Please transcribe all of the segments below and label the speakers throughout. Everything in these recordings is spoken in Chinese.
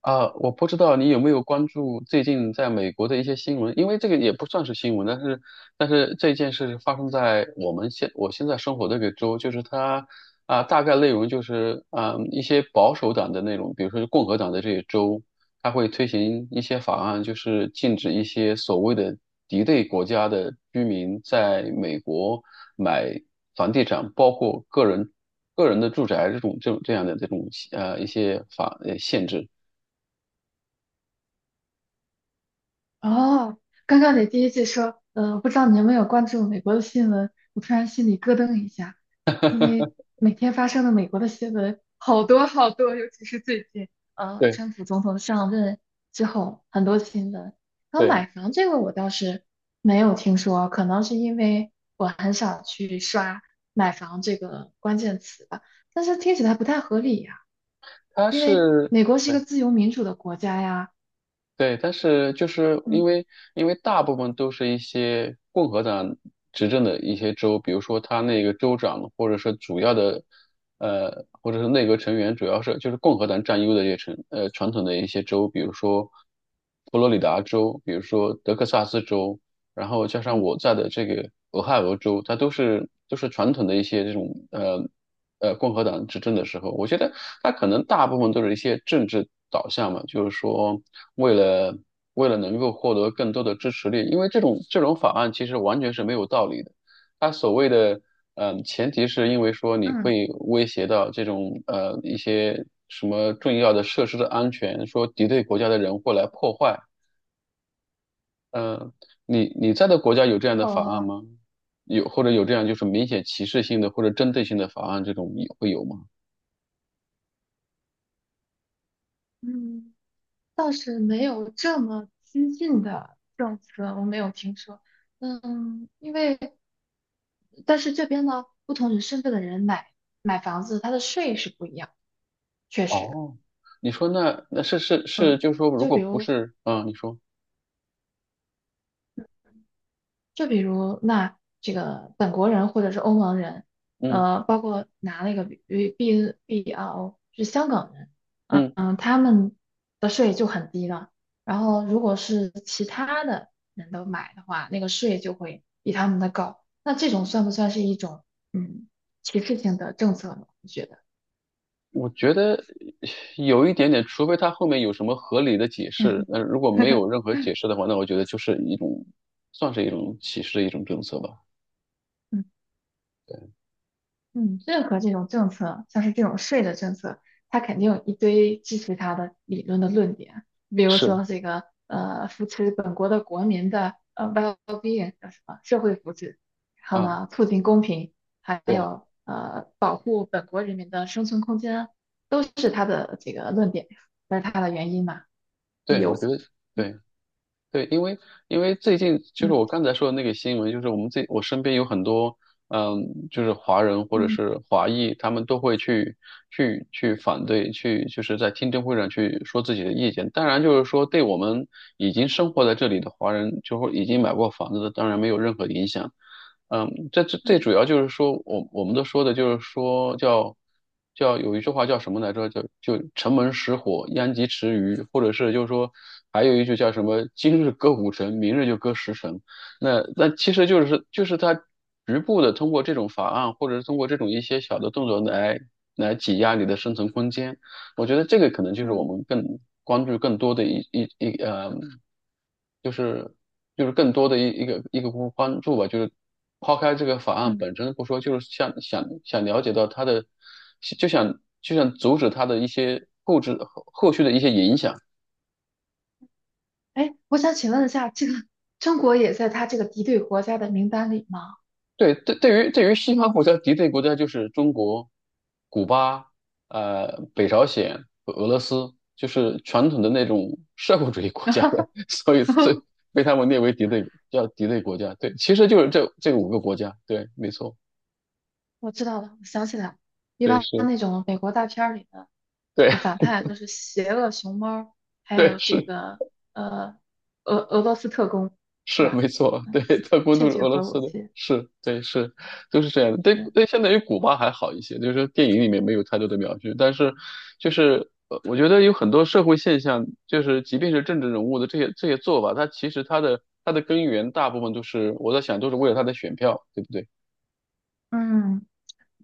Speaker 1: 啊，我不知道你有没有关注最近在美国的一些新闻，因为这个也不算是新闻，但是这件事发生在我们现在生活的这个州，就是它啊，大概内容就是一些保守党的那种，比如说共和党的这些州，它会推行一些法案，就是禁止一些所谓的敌对国家的居民在美国买房地产，包括个人的住宅这种这种这样的这种一些限制。
Speaker 2: 哦，刚刚你第一句说，不知道你有没有关注美国的新闻，我突然心里咯噔一下，因为每天发生的美国的新闻好多好多，尤其是最近，
Speaker 1: 对。
Speaker 2: 川普总统上任之后很多新闻。然后
Speaker 1: 对，
Speaker 2: 买房这个我倒是没有听说，可能是因为我很少去刷买房这个关键词吧，但是听起来不太合理呀，
Speaker 1: 它
Speaker 2: 因为
Speaker 1: 是，
Speaker 2: 美国是一
Speaker 1: 对，
Speaker 2: 个自由民主的国家呀，
Speaker 1: 对，但是就是因
Speaker 2: 嗯。
Speaker 1: 为大部分都是一些共和党执政的一些州，比如说他那个州长或者是主要的，呃，或者是内阁成员主要是就是共和党占优的一些城，呃，传统的一些州，比如说佛罗里达州，比如说德克萨斯州，然后加上
Speaker 2: 嗯
Speaker 1: 我在的这个俄亥俄州，它都是传统的一些这种。共和党执政的时候，我觉得他可能大部分都是一些政治导向嘛，就是说为了能够获得更多的支持率，因为这种法案其实完全是没有道理的。他所谓的前提是因为说你
Speaker 2: 嗯，
Speaker 1: 会威胁到这种一些什么重要的设施的安全，说敌对国家的人会来破坏。嗯、呃你在的国家有这样的法案
Speaker 2: 哦，
Speaker 1: 吗？有或者有这样就是明显歧视性的或者针对性的法案，这种也会有吗？
Speaker 2: 嗯，倒是没有这么激进的政策，我没有听说。嗯，因为但是这边呢，不同人身份的人买房子，他的税是不一样，确实，
Speaker 1: 哦，你说那是，
Speaker 2: 嗯，
Speaker 1: 就是说，如
Speaker 2: 就
Speaker 1: 果
Speaker 2: 比
Speaker 1: 不
Speaker 2: 如。
Speaker 1: 是，你说，
Speaker 2: 就比如那这个本国人或者是欧盟人，
Speaker 1: 嗯
Speaker 2: 包括拿那个 B B R O 是香港人，嗯
Speaker 1: 嗯，
Speaker 2: 嗯，他们的税就很低了。然后如果是其他的人都买的话，那个税就会比他们的高。那这种算不算是一种嗯歧视性的政策呢？你觉得？
Speaker 1: 我觉得有一点点，除非他后面有什么合理的解释，那如果没有任 何解释的话，那我觉得就是一种，算是一种歧视的一种政策吧。
Speaker 2: 嗯
Speaker 1: 对，
Speaker 2: 嗯，任何这种政策，像是这种税的政策，它肯定有一堆支持它的理论的论点，比如
Speaker 1: 是
Speaker 2: 说这个扶持本国的国民的well-being 叫什么社会福祉，然后
Speaker 1: 啊，
Speaker 2: 呢促进公平，还
Speaker 1: 对
Speaker 2: 有保护本国人民的生存空间，都是它的这个论点，这是它的原因嘛，理
Speaker 1: 对，我觉
Speaker 2: 由。
Speaker 1: 得对。对，因为最近就是我
Speaker 2: 嗯
Speaker 1: 刚才说的那个新闻，就是我们这我身边有很多，嗯，就是华人或者
Speaker 2: 嗯
Speaker 1: 是华裔，他们都会去反对，去就是在听证会上去说自己的意见。当然，就是说对我们已经生活在这里的华人，就会已经买过房子的，当然没有任何影响。嗯，这
Speaker 2: 嗯
Speaker 1: 最
Speaker 2: 嗯
Speaker 1: 主要就是说，我们都说的就是说叫有一句话叫什么来着？叫就城门失火，殃及池鱼，或者是就是说还有一句叫什么？今日割五城，明日就割十城。那其实就是它局部的通过这种法案，或者是通过这种一些小的动作来挤压你的生存空间。我觉得这个可能就是我
Speaker 2: 嗯，
Speaker 1: 们更关注更多的一一一呃，就是更多的一个一个关注吧，就是抛开这个法案
Speaker 2: 嗯。
Speaker 1: 本身不说，就是想了解到它的，就想阻止它的一些后置后后续的一些影响。
Speaker 2: 哎，我想请问一下，这个中国也在它这个敌对国家的名单里吗？
Speaker 1: 对，对，对于西方国家敌对国家就是中国、古巴、北朝鲜和俄罗斯，就是传统的那种社会主义国家的，所以被他们列为敌对，叫敌对国家。对，其实就是这五个国家。对，没错，
Speaker 2: 我知道了，我想起来了，一
Speaker 1: 对，
Speaker 2: 般
Speaker 1: 是，
Speaker 2: 那种美国大片儿里的这
Speaker 1: 对
Speaker 2: 个反派都是邪恶熊猫，还
Speaker 1: 对，
Speaker 2: 有这
Speaker 1: 是。
Speaker 2: 个呃俄罗斯特工，是
Speaker 1: 是
Speaker 2: 吧？
Speaker 1: 没错，对，
Speaker 2: 嗯，
Speaker 1: 他都
Speaker 2: 窃
Speaker 1: 是
Speaker 2: 取
Speaker 1: 俄罗
Speaker 2: 核武
Speaker 1: 斯的，
Speaker 2: 器
Speaker 1: 是，对，是，都是这样的。对，
Speaker 2: 是，
Speaker 1: 对，相对于古巴还好一些，就是说电影里面没有太多的描述，但是就是我觉得有很多社会现象，就是即便是政治人物的这些做法，他其实他的根源大部分都是我在想，都是为了他的选票，对不对？
Speaker 2: 嗯。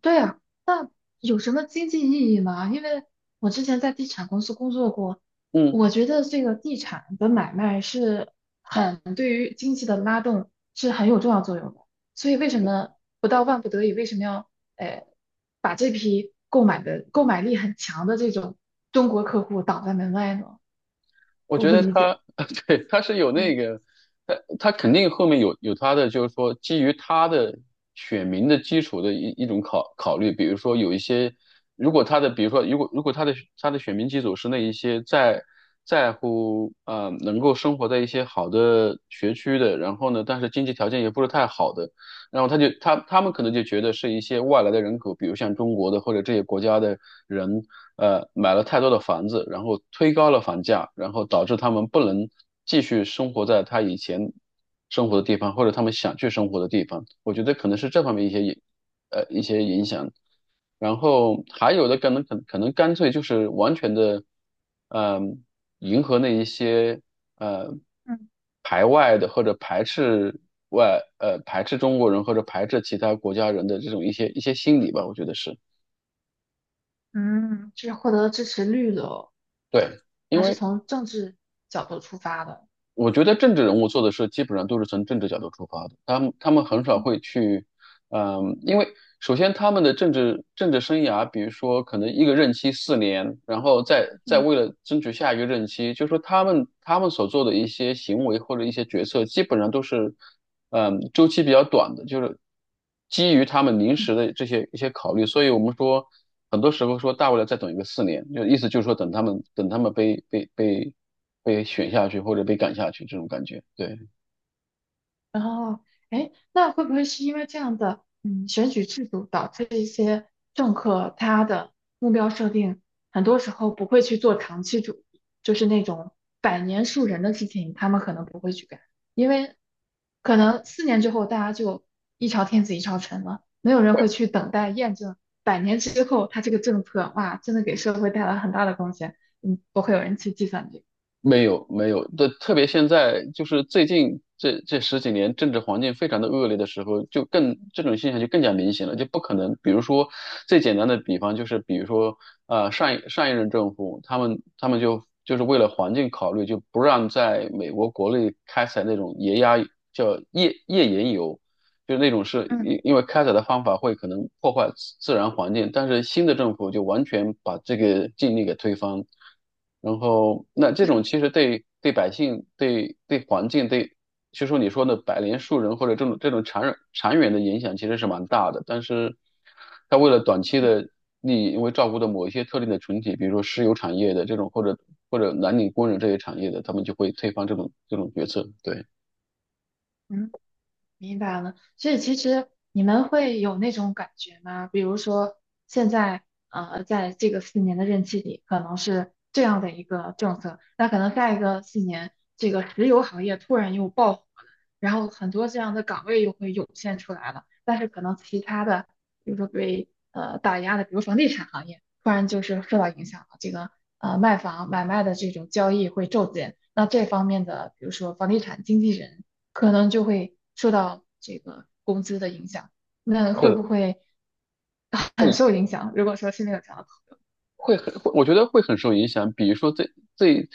Speaker 2: 对啊，那有什么经济意义吗？因为我之前在地产公司工作过，
Speaker 1: 嗯。
Speaker 2: 我觉得这个地产的买卖是很对于经济的拉动是很有重要作用的。所以为什么不到万不得已，为什么要呃把这批购买的购买力很强的这种中国客户挡在门外呢？
Speaker 1: 我
Speaker 2: 我
Speaker 1: 觉
Speaker 2: 不
Speaker 1: 得
Speaker 2: 理解。
Speaker 1: 他，对，他是有那
Speaker 2: 嗯，
Speaker 1: 个，他肯定后面有他的，就是说基于他的选民的基础的一种考虑，比如说有一些，如果他的，比如说如果他的选民基础是那一些在乎能够生活在一些好的学区的，然后呢，但是经济条件也不是太好的，然后他们可能就觉得是一些外来的人口，比如像中国的或者这些国家的人，呃，买了太多的房子，然后推高了房价，然后导致他们不能继续生活在他以前生活的地方，或者他们想去生活的地方。我觉得可能是这方面一些一些影响。然后还有的可能可能干脆就是完全的，嗯、迎合那一些呃
Speaker 2: 嗯
Speaker 1: 排外的或者排斥中国人或者排斥其他国家人的这种一些心理吧，我觉得是
Speaker 2: 嗯就是获得支持率的哦，
Speaker 1: 对。因
Speaker 2: 它是
Speaker 1: 为。
Speaker 2: 从政治角度出发的。
Speaker 1: 我觉得政治人物做的事基本上都是从政治角度出发的，他们很少
Speaker 2: 嗯
Speaker 1: 会去，嗯，因为首先他们的政治生涯，比如说可能一个任期四年，然后再
Speaker 2: 嗯
Speaker 1: 为了争取下一个任期，就是说他们所做的一些行为或者一些决策，基本上都是，周期比较短的，就是基于他们临
Speaker 2: 嗯。
Speaker 1: 时的这些一些考虑，所以我们说很多时候说大不了再等一个四年，就意思就是说等他们被选下去或者被赶下去这种感觉。对，
Speaker 2: 然后，哎，那会不会是因为这样的，嗯，选举制度导致一些政客他的目标设定很多时候不会去做长期主义，就是那种百年树人的事情，他们可能不会去干，因为可能四年之后大家就一朝天子一朝臣了，没有人会
Speaker 1: 对
Speaker 2: 去等待验证百年之后他这个政策，哇，真的给社会带来很大的贡献，嗯，不会有人去计算这个。
Speaker 1: 没有没有，对，特别现在就是最近这十几年政治环境非常的恶劣的时候，就更这种现象就更加明显了，就不可能。比如说最简单的比方就是，比如说上一任政府他们就是为了环境考虑，就不让在美国国内开采那种叫页岩油。就那种是
Speaker 2: 嗯
Speaker 1: 因为开采的方法会可能破坏自然环境，但是新的政府就完全把这个禁令给推翻，然后那这种其实对百姓、对环境、对就说你说的百年树人或者这种长远的影响其实是蛮大的，但是他为了短期的
Speaker 2: 嗯
Speaker 1: 利益，因为照顾的某一些特定的群体，比如说石油产业的这种或者蓝领工人这些产业的，他们就会推翻这种决策，对。
Speaker 2: 嗯。明白了，所以其实你们会有那种感觉吗？比如说，现在在这个四年的任期里，可能是这样的一个政策，那可能下一个四年，这个石油行业突然又爆火了，然后很多这样的岗位又会涌现出来了，但是可能其他的，比如说被打压的，比如房地产行业，突然就是受到影响了，这个卖房买卖的这种交易会骤减，那这方面的，比如说房地产经纪人。可能就会受到这个工资的影响。那
Speaker 1: 是
Speaker 2: 会
Speaker 1: 的，
Speaker 2: 不会很
Speaker 1: 会
Speaker 2: 受影响？如果说是那个状况，
Speaker 1: 会很，会我觉得会很受影响。比如说最最，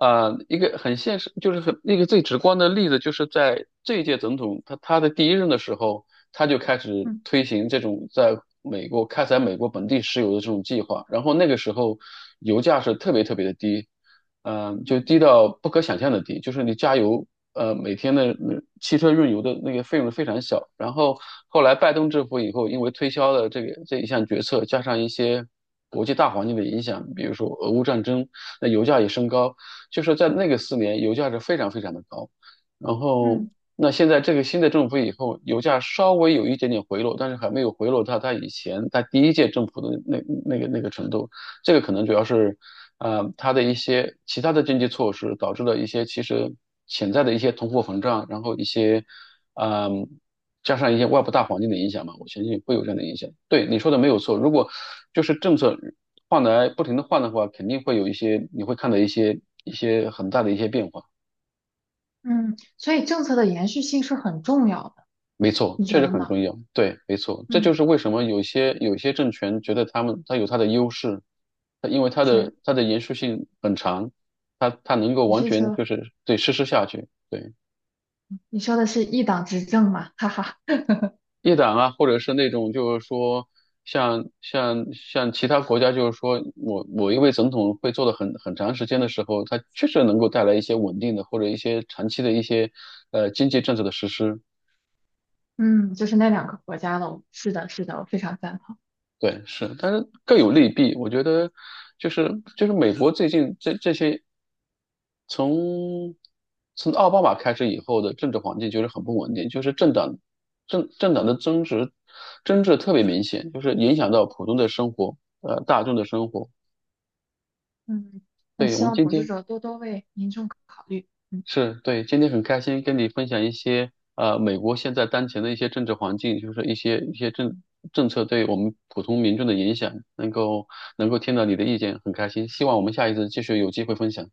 Speaker 1: 呃，一个很现实，就是很一个最直观的例子，就是在这一届总统他的第一任的时候，他就开始
Speaker 2: 嗯
Speaker 1: 推行这种在美国开采美国本地石油的这种计划。然后那个时候油价是特别特别的低，就低到不可想象的低，就是你加油。每天的汽车运油的那个费用非常小。然后后来拜登政府以后，因为推销了这一项决策，加上一些国际大环境的影响，比如说俄乌战争，那油价也升高，就是在那个四年，油价是非常非常的高。然后，
Speaker 2: 嗯
Speaker 1: 那现在这个新的政府以后，油价稍微有一点点回落，但是还没有回落到它以前在第一届政府的那个程度。这个可能主要是，呃，它的一些其他的经济措施导致了一些其实潜在的一些通货膨胀，然后一些，嗯、加上一些外部大环境的影响嘛，我相信会有这样的影响。对你说的没有错，如果就是政策换来不停的换的话，肯定会有一些你会看到一些很大的一些变化。
Speaker 2: 嗯，所以政策的延续性是很重要的，
Speaker 1: 没错，
Speaker 2: 你
Speaker 1: 确
Speaker 2: 觉
Speaker 1: 实
Speaker 2: 得
Speaker 1: 很
Speaker 2: 呢？
Speaker 1: 重要。对，没错，这
Speaker 2: 嗯，
Speaker 1: 就是为什么有些政权觉得他有他的优势，它因为
Speaker 2: 是，
Speaker 1: 它的延续性很长，它能够
Speaker 2: 你
Speaker 1: 完
Speaker 2: 是
Speaker 1: 全
Speaker 2: 说
Speaker 1: 就是对实施下去。对，
Speaker 2: 你说的是一党执政嘛？哈哈，
Speaker 1: 一党啊，或者是那种就是说像其他国家，就是说某某一位总统会做的很长时间的时候，他确实能够带来一些稳定的或者一些长期的一些经济政策的实施。
Speaker 2: 嗯，就是那两个国家的，是的，是的，我非常赞同。
Speaker 1: 对，是，但是各有利弊。我觉得，就是美国最近这些从从奥巴马开始以后的政治环境就是很不稳定，就是政党的争执特别明显，就是影响到普通的生活，大众的生活。
Speaker 2: 嗯，那希望统治者多多为民众考虑。嗯。
Speaker 1: 是对，今天很开心跟你分享一些美国现在当前的一些政治环境，就是一些政策对我们普通民众的影响，能够听到你的意见，很开心。希望我们下一次继续有机会分享。